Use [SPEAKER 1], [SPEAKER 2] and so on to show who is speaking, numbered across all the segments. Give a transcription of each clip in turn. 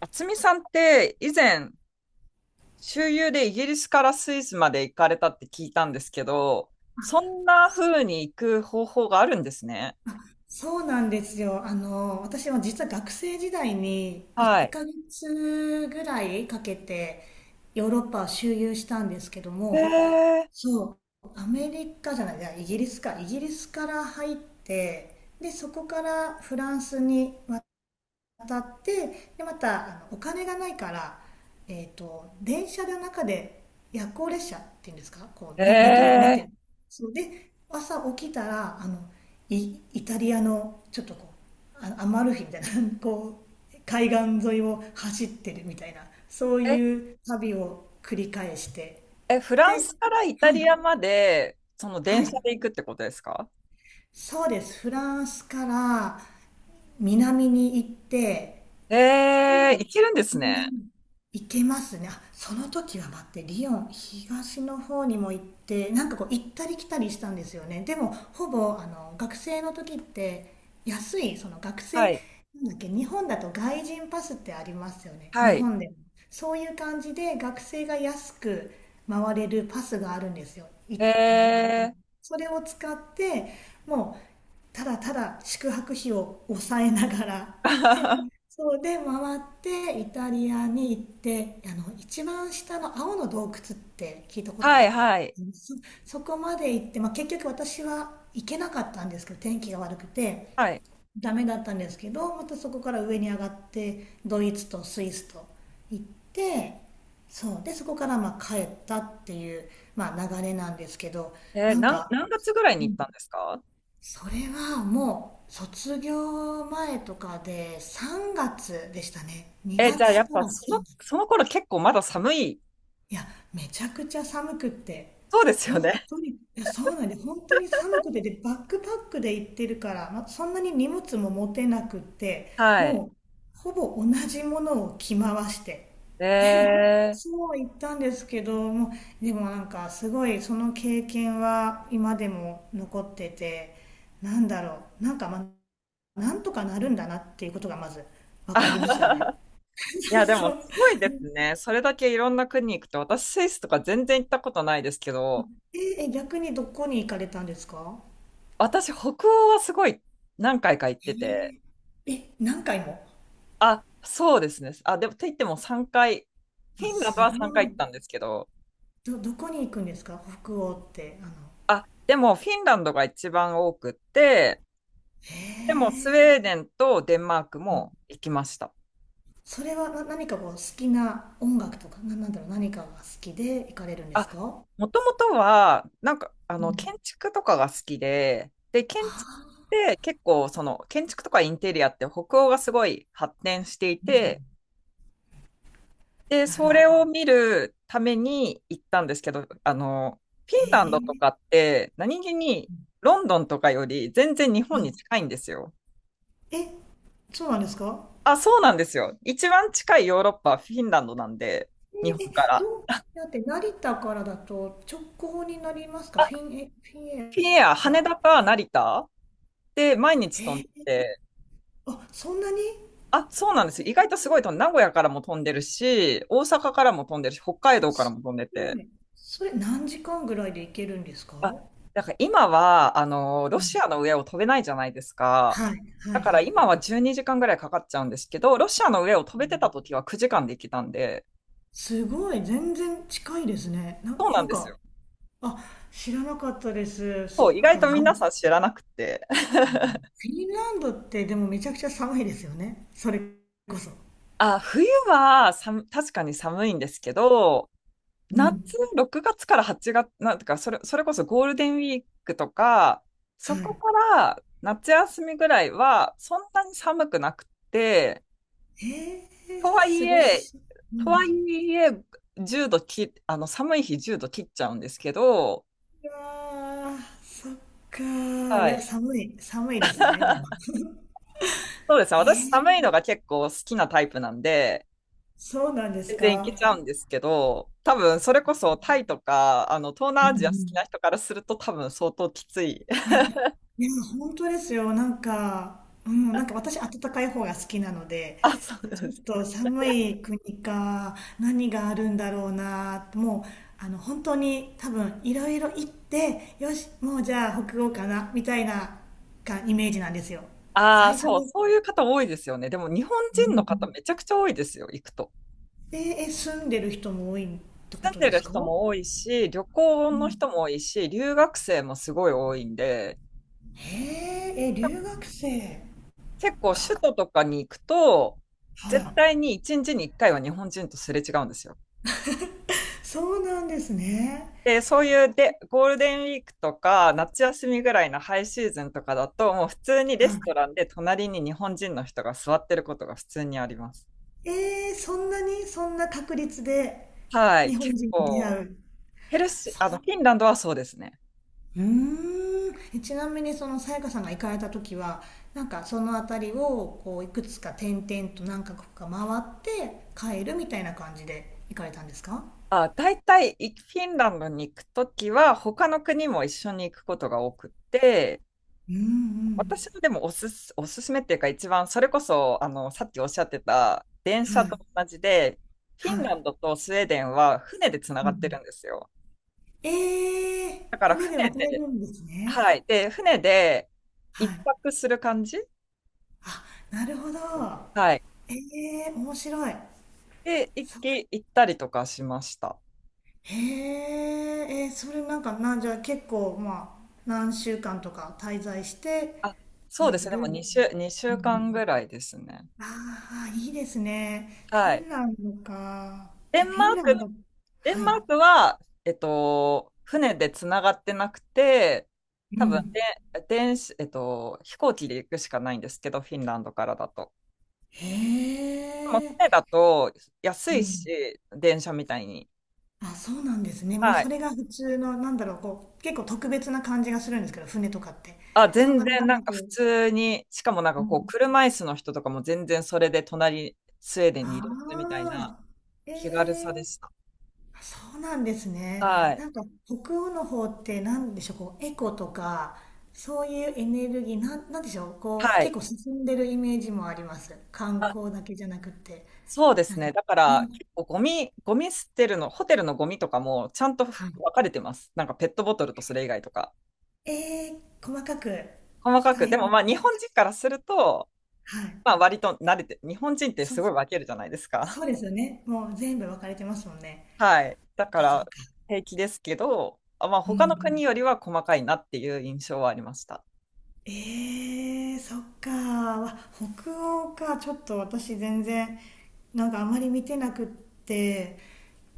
[SPEAKER 1] 渥美さんって以前、周遊でイギリスからスイスまで行かれたって聞いたんですけど、そんな風に行く方法があるんですね。
[SPEAKER 2] そうなんですよ。私は実は学生時代に
[SPEAKER 1] は
[SPEAKER 2] 1
[SPEAKER 1] い。
[SPEAKER 2] ヶ月ぐらいかけてヨーロッパを周遊したんですけど
[SPEAKER 1] え
[SPEAKER 2] も、
[SPEAKER 1] ー、
[SPEAKER 2] そう、アメリカじゃない、いやイギリスか、イギリスから入って、で、そこからフランスに当たって、で、またお金がないから、電車の中で、夜行列車っていうんですか、こう、ね、寝と寝
[SPEAKER 1] え
[SPEAKER 2] てそうで、朝起きたらイタリアのちょっとこう、アマルフィみたいな こう海岸沿いを走ってるみたいな、そう
[SPEAKER 1] ー、え、
[SPEAKER 2] いう旅を繰り返して。
[SPEAKER 1] フラン
[SPEAKER 2] で
[SPEAKER 1] スからイタ
[SPEAKER 2] はい
[SPEAKER 1] リアまで、その
[SPEAKER 2] は
[SPEAKER 1] 電車
[SPEAKER 2] い、
[SPEAKER 1] で行くってことですか？
[SPEAKER 2] そうです。フランスから南に行って。で、
[SPEAKER 1] 行けるんで
[SPEAKER 2] う
[SPEAKER 1] す
[SPEAKER 2] ん、
[SPEAKER 1] ね。
[SPEAKER 2] 行けますね。あ、その時は待って、リヨン、東の方にも行って、なんかこう行ったり来たりしたんですよね。でも、ほぼ、学生の時って、安い、その学
[SPEAKER 1] は
[SPEAKER 2] 生、な
[SPEAKER 1] い。
[SPEAKER 2] んだっけ、日本だと外人パスってありますよね。日
[SPEAKER 1] はい。
[SPEAKER 2] 本でも。そういう感じで、学生が安く回れるパスがあるんですよ。
[SPEAKER 1] え
[SPEAKER 2] いいのかな、
[SPEAKER 1] ー、
[SPEAKER 2] それを使って、もう、ただただ宿泊費を抑えながら、そうで回って、イタリアに行って、一番下の青の洞窟って聞いたこ
[SPEAKER 1] は
[SPEAKER 2] と、
[SPEAKER 1] いはい。
[SPEAKER 2] そ、そこまで行って、まあ、結局私は行けなかったんですけど、天気が悪くて
[SPEAKER 1] はい。
[SPEAKER 2] ダメだったんですけど、またそこから上に上がってドイツとスイスと行って、そうで、そこからまあ帰ったっていう、まあ、流れなんですけど。なんか、
[SPEAKER 1] 何月ぐらいに行ったんですか？
[SPEAKER 2] それはもう卒業前とかで3月でしたね。2
[SPEAKER 1] じゃあ
[SPEAKER 2] 月
[SPEAKER 1] やっ
[SPEAKER 2] か
[SPEAKER 1] ぱ
[SPEAKER 2] ら3月。
[SPEAKER 1] その頃結構まだ寒い？
[SPEAKER 2] いや、めちゃくちゃ寒くって。
[SPEAKER 1] そうですよ
[SPEAKER 2] 本
[SPEAKER 1] ね。
[SPEAKER 2] 当に、いや、そうなんで、本当に寒くて、で、バックパックで行ってるから、まあ、そんなに荷物も持てなくって、
[SPEAKER 1] はい。
[SPEAKER 2] もう、ほぼ同じものを着回して、
[SPEAKER 1] えー。
[SPEAKER 2] そう言ったんですけども。でもなんか、すごい、その経験は今でも残ってて、なんだろう、なんか、まあ、なんとかなるんだなっていうことがまず分かりましたね。
[SPEAKER 1] いや、で
[SPEAKER 2] そ
[SPEAKER 1] も、
[SPEAKER 2] う。
[SPEAKER 1] すごいですね。それだけいろんな国行くと、私、スイスとか全然行ったことないですけど、
[SPEAKER 2] ええ、逆にどこに行かれたんですか？
[SPEAKER 1] 私、北欧はすごい何回か行ってて、
[SPEAKER 2] ええ、え、何回も？
[SPEAKER 1] あ、そうですね。あ、でも、と言っても3回、フ
[SPEAKER 2] あ、
[SPEAKER 1] ィンランド
[SPEAKER 2] す
[SPEAKER 1] は3
[SPEAKER 2] ご
[SPEAKER 1] 回行っ
[SPEAKER 2] い。
[SPEAKER 1] たんですけど、
[SPEAKER 2] どこに行くんですか？北欧って、
[SPEAKER 1] あ、でも、フィンランドが一番多くって、
[SPEAKER 2] へ
[SPEAKER 1] でも、スウ
[SPEAKER 2] え。
[SPEAKER 1] ェーデンとデンマーク
[SPEAKER 2] うん。
[SPEAKER 1] も行きました。
[SPEAKER 2] それは、何かこう、好きな音楽とか、なんだろう、何かが好きで行かれるんで
[SPEAKER 1] あ、
[SPEAKER 2] すか？
[SPEAKER 1] もともとは、なんか、
[SPEAKER 2] うん。
[SPEAKER 1] 建築とかが好きで、で、建築っ
[SPEAKER 2] あ
[SPEAKER 1] て結構、建築とかインテリアって北欧がすごい発展していて、で、
[SPEAKER 2] あ、なる
[SPEAKER 1] そ
[SPEAKER 2] ほ
[SPEAKER 1] れ
[SPEAKER 2] ど。
[SPEAKER 1] を見るために行ったんですけど、フィ
[SPEAKER 2] へ
[SPEAKER 1] ンランドと
[SPEAKER 2] え。
[SPEAKER 1] かって、何気にロンドンとかより全然日
[SPEAKER 2] は
[SPEAKER 1] 本に
[SPEAKER 2] い。
[SPEAKER 1] 近いんですよ。
[SPEAKER 2] え、そうなんですか？
[SPEAKER 1] あ、そうなんですよ。一番近いヨーロッパはフィンランドなんで、日本
[SPEAKER 2] え、え
[SPEAKER 1] から。
[SPEAKER 2] どうやって、成田からだと直行になりますか？フィンエ、フィンエ
[SPEAKER 1] フィンエア、羽
[SPEAKER 2] ア。
[SPEAKER 1] 田か成田で毎日飛んで
[SPEAKER 2] え
[SPEAKER 1] て、
[SPEAKER 2] あ、そんなに。
[SPEAKER 1] あ、そうなんです
[SPEAKER 2] え
[SPEAKER 1] よ。意外と
[SPEAKER 2] ー
[SPEAKER 1] すごいと、名古屋からも飛んでるし、大阪からも飛んでるし、北海道から
[SPEAKER 2] す
[SPEAKER 1] も飛んで
[SPEAKER 2] ご
[SPEAKER 1] て。
[SPEAKER 2] い。それ何時間ぐらいで行けるんですか？
[SPEAKER 1] あ、だから今は、ロ
[SPEAKER 2] うん。
[SPEAKER 1] シアの上を飛べないじゃないですか。
[SPEAKER 2] はい、は
[SPEAKER 1] だ
[SPEAKER 2] い、
[SPEAKER 1] から
[SPEAKER 2] はい。
[SPEAKER 1] 今は12時間ぐらいかかっちゃうんですけど、ロシアの上を飛べてた時は9時間で行けたんで、
[SPEAKER 2] すごい、全然近いですね。な、
[SPEAKER 1] そうな
[SPEAKER 2] な
[SPEAKER 1] ん
[SPEAKER 2] ん
[SPEAKER 1] ですよ。
[SPEAKER 2] か、あ、知らなかったです。そ
[SPEAKER 1] そ
[SPEAKER 2] っ
[SPEAKER 1] う、意外
[SPEAKER 2] か。
[SPEAKER 1] と
[SPEAKER 2] でも、
[SPEAKER 1] 皆さん知らなくて。
[SPEAKER 2] フィンランドってでもめちゃくちゃ寒いですよね、それこそ。
[SPEAKER 1] あ、冬は確かに寒いんですけど、
[SPEAKER 2] う
[SPEAKER 1] 夏、
[SPEAKER 2] ん。
[SPEAKER 1] 6月から8月、なんてか、それこそゴールデンウィークとか、
[SPEAKER 2] は
[SPEAKER 1] そこ
[SPEAKER 2] い。
[SPEAKER 1] から夏休みぐらいは、そんなに寒くなくて、とはい
[SPEAKER 2] 過ご
[SPEAKER 1] え、
[SPEAKER 2] し。う
[SPEAKER 1] とは
[SPEAKER 2] ん。
[SPEAKER 1] いえ、1度き、あの、寒い日10度切っちゃうんですけど、
[SPEAKER 2] いやー、そっかー。い
[SPEAKER 1] は
[SPEAKER 2] や、
[SPEAKER 1] い。
[SPEAKER 2] 寒い、寒いですね、でも。
[SPEAKER 1] そうですね。
[SPEAKER 2] え
[SPEAKER 1] 私、寒
[SPEAKER 2] ー、
[SPEAKER 1] いのが結構好きなタイプなんで、
[SPEAKER 2] そうなんです
[SPEAKER 1] 全然いけち
[SPEAKER 2] か。
[SPEAKER 1] ゃうんですけど、多分、それこそタイとか、東
[SPEAKER 2] うんう
[SPEAKER 1] 南アジア好きな
[SPEAKER 2] ん。
[SPEAKER 1] 人からすると、多分、相当きつい。
[SPEAKER 2] い や、いや、本当ですよ。なんか、うん、なんか私、暖かい方が好きなので、
[SPEAKER 1] あ、そう
[SPEAKER 2] ち
[SPEAKER 1] で
[SPEAKER 2] ょっ
[SPEAKER 1] す。
[SPEAKER 2] と寒い国か、何があるんだろうな、もう、本当に多分、いろいろ行って、よし、もうじゃあ北欧かな、みたいな、か、イメージなんですよ。
[SPEAKER 1] ああ、
[SPEAKER 2] 最初
[SPEAKER 1] そう、
[SPEAKER 2] に、
[SPEAKER 1] そういう方多いですよね。でも日本
[SPEAKER 2] う
[SPEAKER 1] 人の方
[SPEAKER 2] ん。
[SPEAKER 1] めちゃくちゃ多いですよ、行くと。
[SPEAKER 2] ええ、住んでる人も多いって
[SPEAKER 1] 住
[SPEAKER 2] こ
[SPEAKER 1] ん
[SPEAKER 2] と
[SPEAKER 1] で
[SPEAKER 2] で
[SPEAKER 1] る
[SPEAKER 2] すか？
[SPEAKER 1] 人
[SPEAKER 2] う
[SPEAKER 1] も多いし、旅行の人
[SPEAKER 2] ん。
[SPEAKER 1] も多いし、留学生もすごい多いんで、
[SPEAKER 2] へえ、え、留学生
[SPEAKER 1] 結構首
[SPEAKER 2] が、
[SPEAKER 1] 都とかに行くと、
[SPEAKER 2] は
[SPEAKER 1] 絶
[SPEAKER 2] い。
[SPEAKER 1] 対に1日に1回は日本人とすれ違うんですよ。
[SPEAKER 2] そうなんですね。
[SPEAKER 1] で、そういうで、ゴールデンウィークとか、夏休みぐらいのハイシーズンとかだと、もう普通にレ
[SPEAKER 2] は
[SPEAKER 1] スト
[SPEAKER 2] い。
[SPEAKER 1] ランで隣に日本人の人が座ってることが普通にあります。
[SPEAKER 2] ええ、そんなに、そんな確率で
[SPEAKER 1] はい、
[SPEAKER 2] 日本
[SPEAKER 1] 結
[SPEAKER 2] 人に出会
[SPEAKER 1] 構、
[SPEAKER 2] う。
[SPEAKER 1] ヘルシー、
[SPEAKER 2] そ
[SPEAKER 1] あの、フィンランドはそうですね。
[SPEAKER 2] う。うーん。え、ちなみにそのさやかさんが行かれた時は、なんかその辺りをこう、いくつか転々と何カ国か回って帰るみたいな感じで行かれたんですか？
[SPEAKER 1] あ、大体フィンランドに行くときは他の国も一緒に行くことが多くて、
[SPEAKER 2] うん
[SPEAKER 1] 私はでもおすすめっていうか一番それこそあのさっきおっしゃってた電
[SPEAKER 2] うん。
[SPEAKER 1] 車
[SPEAKER 2] は
[SPEAKER 1] と
[SPEAKER 2] い。
[SPEAKER 1] 同じで、フィ
[SPEAKER 2] は
[SPEAKER 1] ンラン
[SPEAKER 2] い。
[SPEAKER 1] ドとスウェーデンは船でつな
[SPEAKER 2] う
[SPEAKER 1] が
[SPEAKER 2] んう
[SPEAKER 1] ってる
[SPEAKER 2] ん。
[SPEAKER 1] んですよ。
[SPEAKER 2] ええ、
[SPEAKER 1] だから
[SPEAKER 2] 船で
[SPEAKER 1] 船
[SPEAKER 2] 渡れ
[SPEAKER 1] で、
[SPEAKER 2] るんですね。
[SPEAKER 1] はい。で、船で
[SPEAKER 2] は
[SPEAKER 1] 一
[SPEAKER 2] い。
[SPEAKER 1] 泊する感じ。
[SPEAKER 2] あ、なるほど。
[SPEAKER 1] はい。
[SPEAKER 2] ええ、面白い。
[SPEAKER 1] で、
[SPEAKER 2] そ
[SPEAKER 1] 行ったりとかしました。
[SPEAKER 2] へえ、それなんか、じゃあ結構、まあ、何週間とか滞在して
[SPEAKER 1] あ、そうです
[SPEAKER 2] い
[SPEAKER 1] ね。で
[SPEAKER 2] る。う
[SPEAKER 1] も
[SPEAKER 2] ん
[SPEAKER 1] 2
[SPEAKER 2] う
[SPEAKER 1] 週間
[SPEAKER 2] ん。
[SPEAKER 1] ぐらいですね。
[SPEAKER 2] ああ、いいですね。フ
[SPEAKER 1] は
[SPEAKER 2] ィ
[SPEAKER 1] い。
[SPEAKER 2] ンランドか。
[SPEAKER 1] デ
[SPEAKER 2] え、
[SPEAKER 1] ン
[SPEAKER 2] フ
[SPEAKER 1] マ
[SPEAKER 2] ィン
[SPEAKER 1] ー
[SPEAKER 2] ラ
[SPEAKER 1] ク
[SPEAKER 2] ンド。
[SPEAKER 1] デン
[SPEAKER 2] は
[SPEAKER 1] マー
[SPEAKER 2] い。
[SPEAKER 1] クは、船でつながってなくて、
[SPEAKER 2] う
[SPEAKER 1] 多分
[SPEAKER 2] ん。
[SPEAKER 1] で、電子、えっと、飛行機で行くしかないんですけど、フィンランドからだと。
[SPEAKER 2] へ
[SPEAKER 1] でも船
[SPEAKER 2] え。
[SPEAKER 1] だと安
[SPEAKER 2] う
[SPEAKER 1] い
[SPEAKER 2] ん。
[SPEAKER 1] し、電車みたいに。
[SPEAKER 2] あ、そうなんですね。もう
[SPEAKER 1] はい。
[SPEAKER 2] それが普通の、なんだろう、こう、結構特別な感じがするんですけど、船とかって。
[SPEAKER 1] あ、
[SPEAKER 2] そん
[SPEAKER 1] 全
[SPEAKER 2] なわ
[SPEAKER 1] 然
[SPEAKER 2] け
[SPEAKER 1] なん
[SPEAKER 2] な
[SPEAKER 1] か
[SPEAKER 2] く。
[SPEAKER 1] 普通に、しかもなん
[SPEAKER 2] う
[SPEAKER 1] かこ
[SPEAKER 2] ん。
[SPEAKER 1] う、車椅子の人とかも全然それで隣、スウェーデンにいるみたいな
[SPEAKER 2] ああ、え
[SPEAKER 1] 気軽さで
[SPEAKER 2] え、
[SPEAKER 1] した。
[SPEAKER 2] そうなんですね。
[SPEAKER 1] はい。
[SPEAKER 2] なんか、北欧の方ってなんでしょう、こう、エコとか、そういうエネルギー、なんでしょう、こう、
[SPEAKER 1] は
[SPEAKER 2] 結
[SPEAKER 1] い。
[SPEAKER 2] 構進んでるイメージもあります。観光だけじゃなくて。
[SPEAKER 1] そうで
[SPEAKER 2] な
[SPEAKER 1] す
[SPEAKER 2] んか、
[SPEAKER 1] ね。だから、
[SPEAKER 2] ね、
[SPEAKER 1] 結構ゴミ捨てるの、ホテルのゴミとかもちゃんと分
[SPEAKER 2] はい。
[SPEAKER 1] かれてます。なんかペットボトルとそれ以外とか。
[SPEAKER 2] ええ、細かく、
[SPEAKER 1] 細か
[SPEAKER 2] 大
[SPEAKER 1] く。で
[SPEAKER 2] 変
[SPEAKER 1] も
[SPEAKER 2] ね。
[SPEAKER 1] まあ日本人からすると、
[SPEAKER 2] はい。
[SPEAKER 1] まあ割と慣れて、日本人って
[SPEAKER 2] そ
[SPEAKER 1] す
[SPEAKER 2] う
[SPEAKER 1] ごい分けるじゃないですか。
[SPEAKER 2] そうですよね。もう全部分かれてますもんね。
[SPEAKER 1] はい。だか
[SPEAKER 2] そっ
[SPEAKER 1] ら
[SPEAKER 2] か。
[SPEAKER 1] 平気ですけど、まあ
[SPEAKER 2] うんう
[SPEAKER 1] 他
[SPEAKER 2] ん。
[SPEAKER 1] の国よりは細かいなっていう印象はありました。
[SPEAKER 2] そっか。わ北欧か。ちょっと私全然、なんかあまり見てなくって。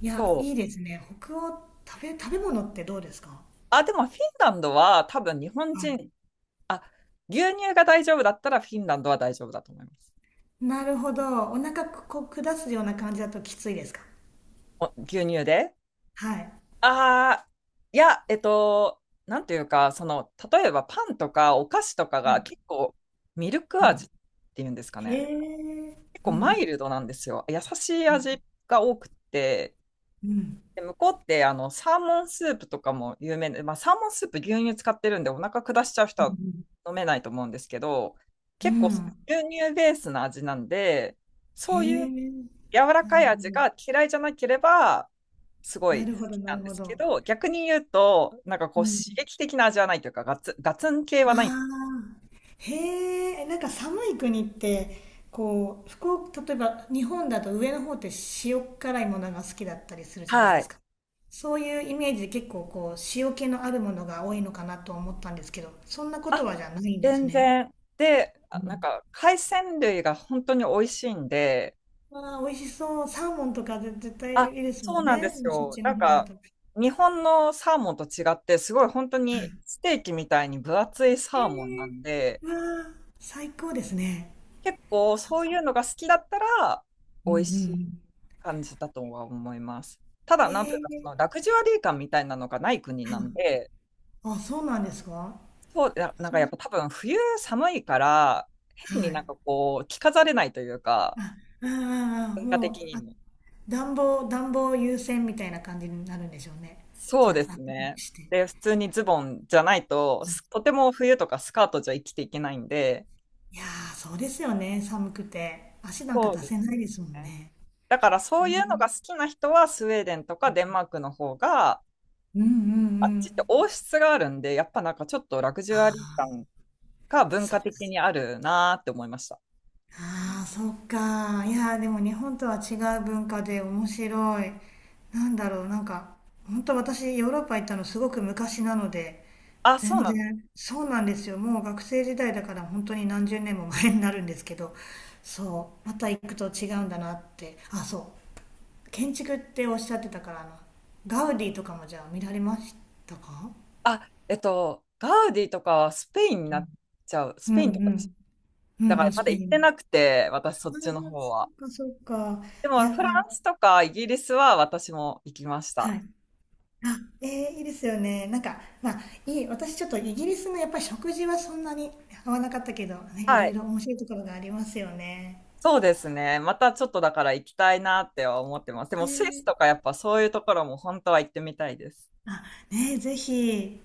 [SPEAKER 2] いや、
[SPEAKER 1] そ
[SPEAKER 2] いい
[SPEAKER 1] う。
[SPEAKER 2] ですね。北欧、食べ物ってどうですか？
[SPEAKER 1] あ、でもフィンランドは多分日本
[SPEAKER 2] はい。
[SPEAKER 1] 人、あ、牛乳が大丈夫だったらフィンランドは大丈夫だと思います。
[SPEAKER 2] なるほど。お腹こう下すような感じだときついですか？
[SPEAKER 1] お牛乳で
[SPEAKER 2] はい。
[SPEAKER 1] ああ、いや、なんていうか、例えばパンとかお菓子とか
[SPEAKER 2] はい。
[SPEAKER 1] が結構ミルク
[SPEAKER 2] う
[SPEAKER 1] 味っ
[SPEAKER 2] ん。
[SPEAKER 1] ていうんですか
[SPEAKER 2] へ
[SPEAKER 1] ね。
[SPEAKER 2] え。
[SPEAKER 1] 結
[SPEAKER 2] う
[SPEAKER 1] 構マイ
[SPEAKER 2] ん。
[SPEAKER 1] ルドなんですよ。優しい味が多くて、
[SPEAKER 2] うん。
[SPEAKER 1] で、向こうってあのサーモンスープとかも有名で、まあ、サーモンスープ牛乳使ってるんでお腹下しちゃう人
[SPEAKER 2] う
[SPEAKER 1] は
[SPEAKER 2] ん。
[SPEAKER 1] 飲めないと思うんですけど、
[SPEAKER 2] う
[SPEAKER 1] 結構
[SPEAKER 2] ん。
[SPEAKER 1] 牛乳ベースの味なんで、
[SPEAKER 2] へ
[SPEAKER 1] そういう
[SPEAKER 2] え。
[SPEAKER 1] 柔ら
[SPEAKER 2] な
[SPEAKER 1] か
[SPEAKER 2] る
[SPEAKER 1] い
[SPEAKER 2] ほ
[SPEAKER 1] 味
[SPEAKER 2] ど。
[SPEAKER 1] が嫌いじゃなければ、すご
[SPEAKER 2] な
[SPEAKER 1] い好
[SPEAKER 2] るほど、
[SPEAKER 1] き
[SPEAKER 2] な
[SPEAKER 1] な
[SPEAKER 2] る
[SPEAKER 1] んで
[SPEAKER 2] ほ
[SPEAKER 1] すけ
[SPEAKER 2] ど。
[SPEAKER 1] ど、逆に言うと、なんか
[SPEAKER 2] う
[SPEAKER 1] こう
[SPEAKER 2] ん。
[SPEAKER 1] 刺激的な味はないというか、ガツン系
[SPEAKER 2] あ
[SPEAKER 1] はない。
[SPEAKER 2] あ、へえ、なんか寒い国って、こう、福岡、例えば日本だと上の方って塩辛いものが好きだったりするじゃない
[SPEAKER 1] は
[SPEAKER 2] です
[SPEAKER 1] い。
[SPEAKER 2] か。そういうイメージで、結構こう、塩気のあるものが多いのかなと思ったんですけど、そんなこ
[SPEAKER 1] あ、
[SPEAKER 2] とはじゃないんです
[SPEAKER 1] 全
[SPEAKER 2] ね。
[SPEAKER 1] 然。で、
[SPEAKER 2] う
[SPEAKER 1] あなん
[SPEAKER 2] ん。
[SPEAKER 1] か海鮮類が本当に美味しいんで、
[SPEAKER 2] わあ、美味しそう。サーモンとか、絶対
[SPEAKER 1] あ、
[SPEAKER 2] いいですも
[SPEAKER 1] そ
[SPEAKER 2] ん
[SPEAKER 1] うなんで
[SPEAKER 2] ね、
[SPEAKER 1] す
[SPEAKER 2] そっ
[SPEAKER 1] よ。
[SPEAKER 2] ち
[SPEAKER 1] な
[SPEAKER 2] の
[SPEAKER 1] ん
[SPEAKER 2] 方だ
[SPEAKER 1] か
[SPEAKER 2] と。
[SPEAKER 1] 日本のサーモンと違って、すごい本当にステーキみたいに分厚いサーモンなん
[SPEAKER 2] え
[SPEAKER 1] で、
[SPEAKER 2] え、わあ、最高ですね。
[SPEAKER 1] 結構
[SPEAKER 2] そう。
[SPEAKER 1] そういうのが好きだったら、
[SPEAKER 2] う
[SPEAKER 1] 美
[SPEAKER 2] んう
[SPEAKER 1] 味
[SPEAKER 2] ん
[SPEAKER 1] し
[SPEAKER 2] う
[SPEAKER 1] い
[SPEAKER 2] ん。
[SPEAKER 1] 感じだとは思います。ただ、
[SPEAKER 2] え
[SPEAKER 1] なんという
[SPEAKER 2] え、
[SPEAKER 1] か、そのラグジュアリー感みたいなのがない国
[SPEAKER 2] は
[SPEAKER 1] なん
[SPEAKER 2] い。
[SPEAKER 1] で、
[SPEAKER 2] あ、そうなんですか？
[SPEAKER 1] そう、なんかやっぱ多分冬寒いから、
[SPEAKER 2] は
[SPEAKER 1] 変にな
[SPEAKER 2] い。
[SPEAKER 1] んかこう、着飾れないというか、
[SPEAKER 2] あ、ああ、あ、
[SPEAKER 1] 文化的
[SPEAKER 2] もう、
[SPEAKER 1] に
[SPEAKER 2] あ、
[SPEAKER 1] も。
[SPEAKER 2] 暖房優先みたいな感じになるんでしょうね。
[SPEAKER 1] そ
[SPEAKER 2] じ
[SPEAKER 1] う
[SPEAKER 2] ゃあ、
[SPEAKER 1] で
[SPEAKER 2] あ
[SPEAKER 1] す
[SPEAKER 2] ったか
[SPEAKER 1] ね。
[SPEAKER 2] くして。
[SPEAKER 1] で、普通にズボンじゃないと、とても冬とかスカートじゃ生きていけないんで、
[SPEAKER 2] いやー、そうですよね、寒くて。足なんか
[SPEAKER 1] そう
[SPEAKER 2] 出
[SPEAKER 1] で
[SPEAKER 2] せ
[SPEAKER 1] す
[SPEAKER 2] ないですもん
[SPEAKER 1] ね。
[SPEAKER 2] ね。
[SPEAKER 1] だからそ
[SPEAKER 2] え
[SPEAKER 1] ういうの
[SPEAKER 2] ー
[SPEAKER 1] が好きな人は、スウェーデンとかデンマークの方が、
[SPEAKER 2] うんうんう
[SPEAKER 1] あっちって
[SPEAKER 2] ん。
[SPEAKER 1] 王室があるんで、やっぱなんかちょっとラグジュアリー感が文
[SPEAKER 2] そっ
[SPEAKER 1] 化
[SPEAKER 2] か。
[SPEAKER 1] 的にあるなーって思いました。
[SPEAKER 2] ああ、そっか。いやー、でも日本とは違う文化で面白い。なんだろう、なんか、本当私、ヨーロッパ行ったのすごく昔なので、
[SPEAKER 1] あ、そう
[SPEAKER 2] 全
[SPEAKER 1] なんだ。
[SPEAKER 2] 然、そうなんですよ。もう学生時代だから本当に何十年も前になるんですけど、そう、また行くと違うんだなって。あ、そう。建築っておっしゃってたから、ガウディとかもじゃあ見られましたか？
[SPEAKER 1] あ、ガウディとかはスペインに
[SPEAKER 2] う
[SPEAKER 1] なっ
[SPEAKER 2] ん
[SPEAKER 1] ちゃう。ス
[SPEAKER 2] うん
[SPEAKER 1] ペ
[SPEAKER 2] う
[SPEAKER 1] インとかでした。
[SPEAKER 2] んう
[SPEAKER 1] だ
[SPEAKER 2] ん
[SPEAKER 1] か
[SPEAKER 2] う
[SPEAKER 1] ら
[SPEAKER 2] ん、ス
[SPEAKER 1] まだ
[SPEAKER 2] ペ
[SPEAKER 1] 行っ
[SPEAKER 2] イ
[SPEAKER 1] て
[SPEAKER 2] ン。
[SPEAKER 1] なくて、私そっ
[SPEAKER 2] ああ、
[SPEAKER 1] ちの方
[SPEAKER 2] そ
[SPEAKER 1] は。
[SPEAKER 2] っかそっか。
[SPEAKER 1] で
[SPEAKER 2] い
[SPEAKER 1] も
[SPEAKER 2] や、
[SPEAKER 1] フラ
[SPEAKER 2] ま
[SPEAKER 1] ンスとかイギリスは私も行きまし
[SPEAKER 2] あ、
[SPEAKER 1] た。
[SPEAKER 2] はい。あ、いいですよね。なんか、まあ、いい、私ちょっとイギリスのやっぱり食事はそんなに合わなかったけど、ね、い
[SPEAKER 1] は
[SPEAKER 2] ろい
[SPEAKER 1] い。
[SPEAKER 2] ろ面白いところがありますよね。
[SPEAKER 1] そうですね。またちょっとだから行きたいなっては思ってます。でも
[SPEAKER 2] ね
[SPEAKER 1] スイスとかやっぱそういうところも本当は行ってみたいです。
[SPEAKER 2] あ、ね、ぜひ。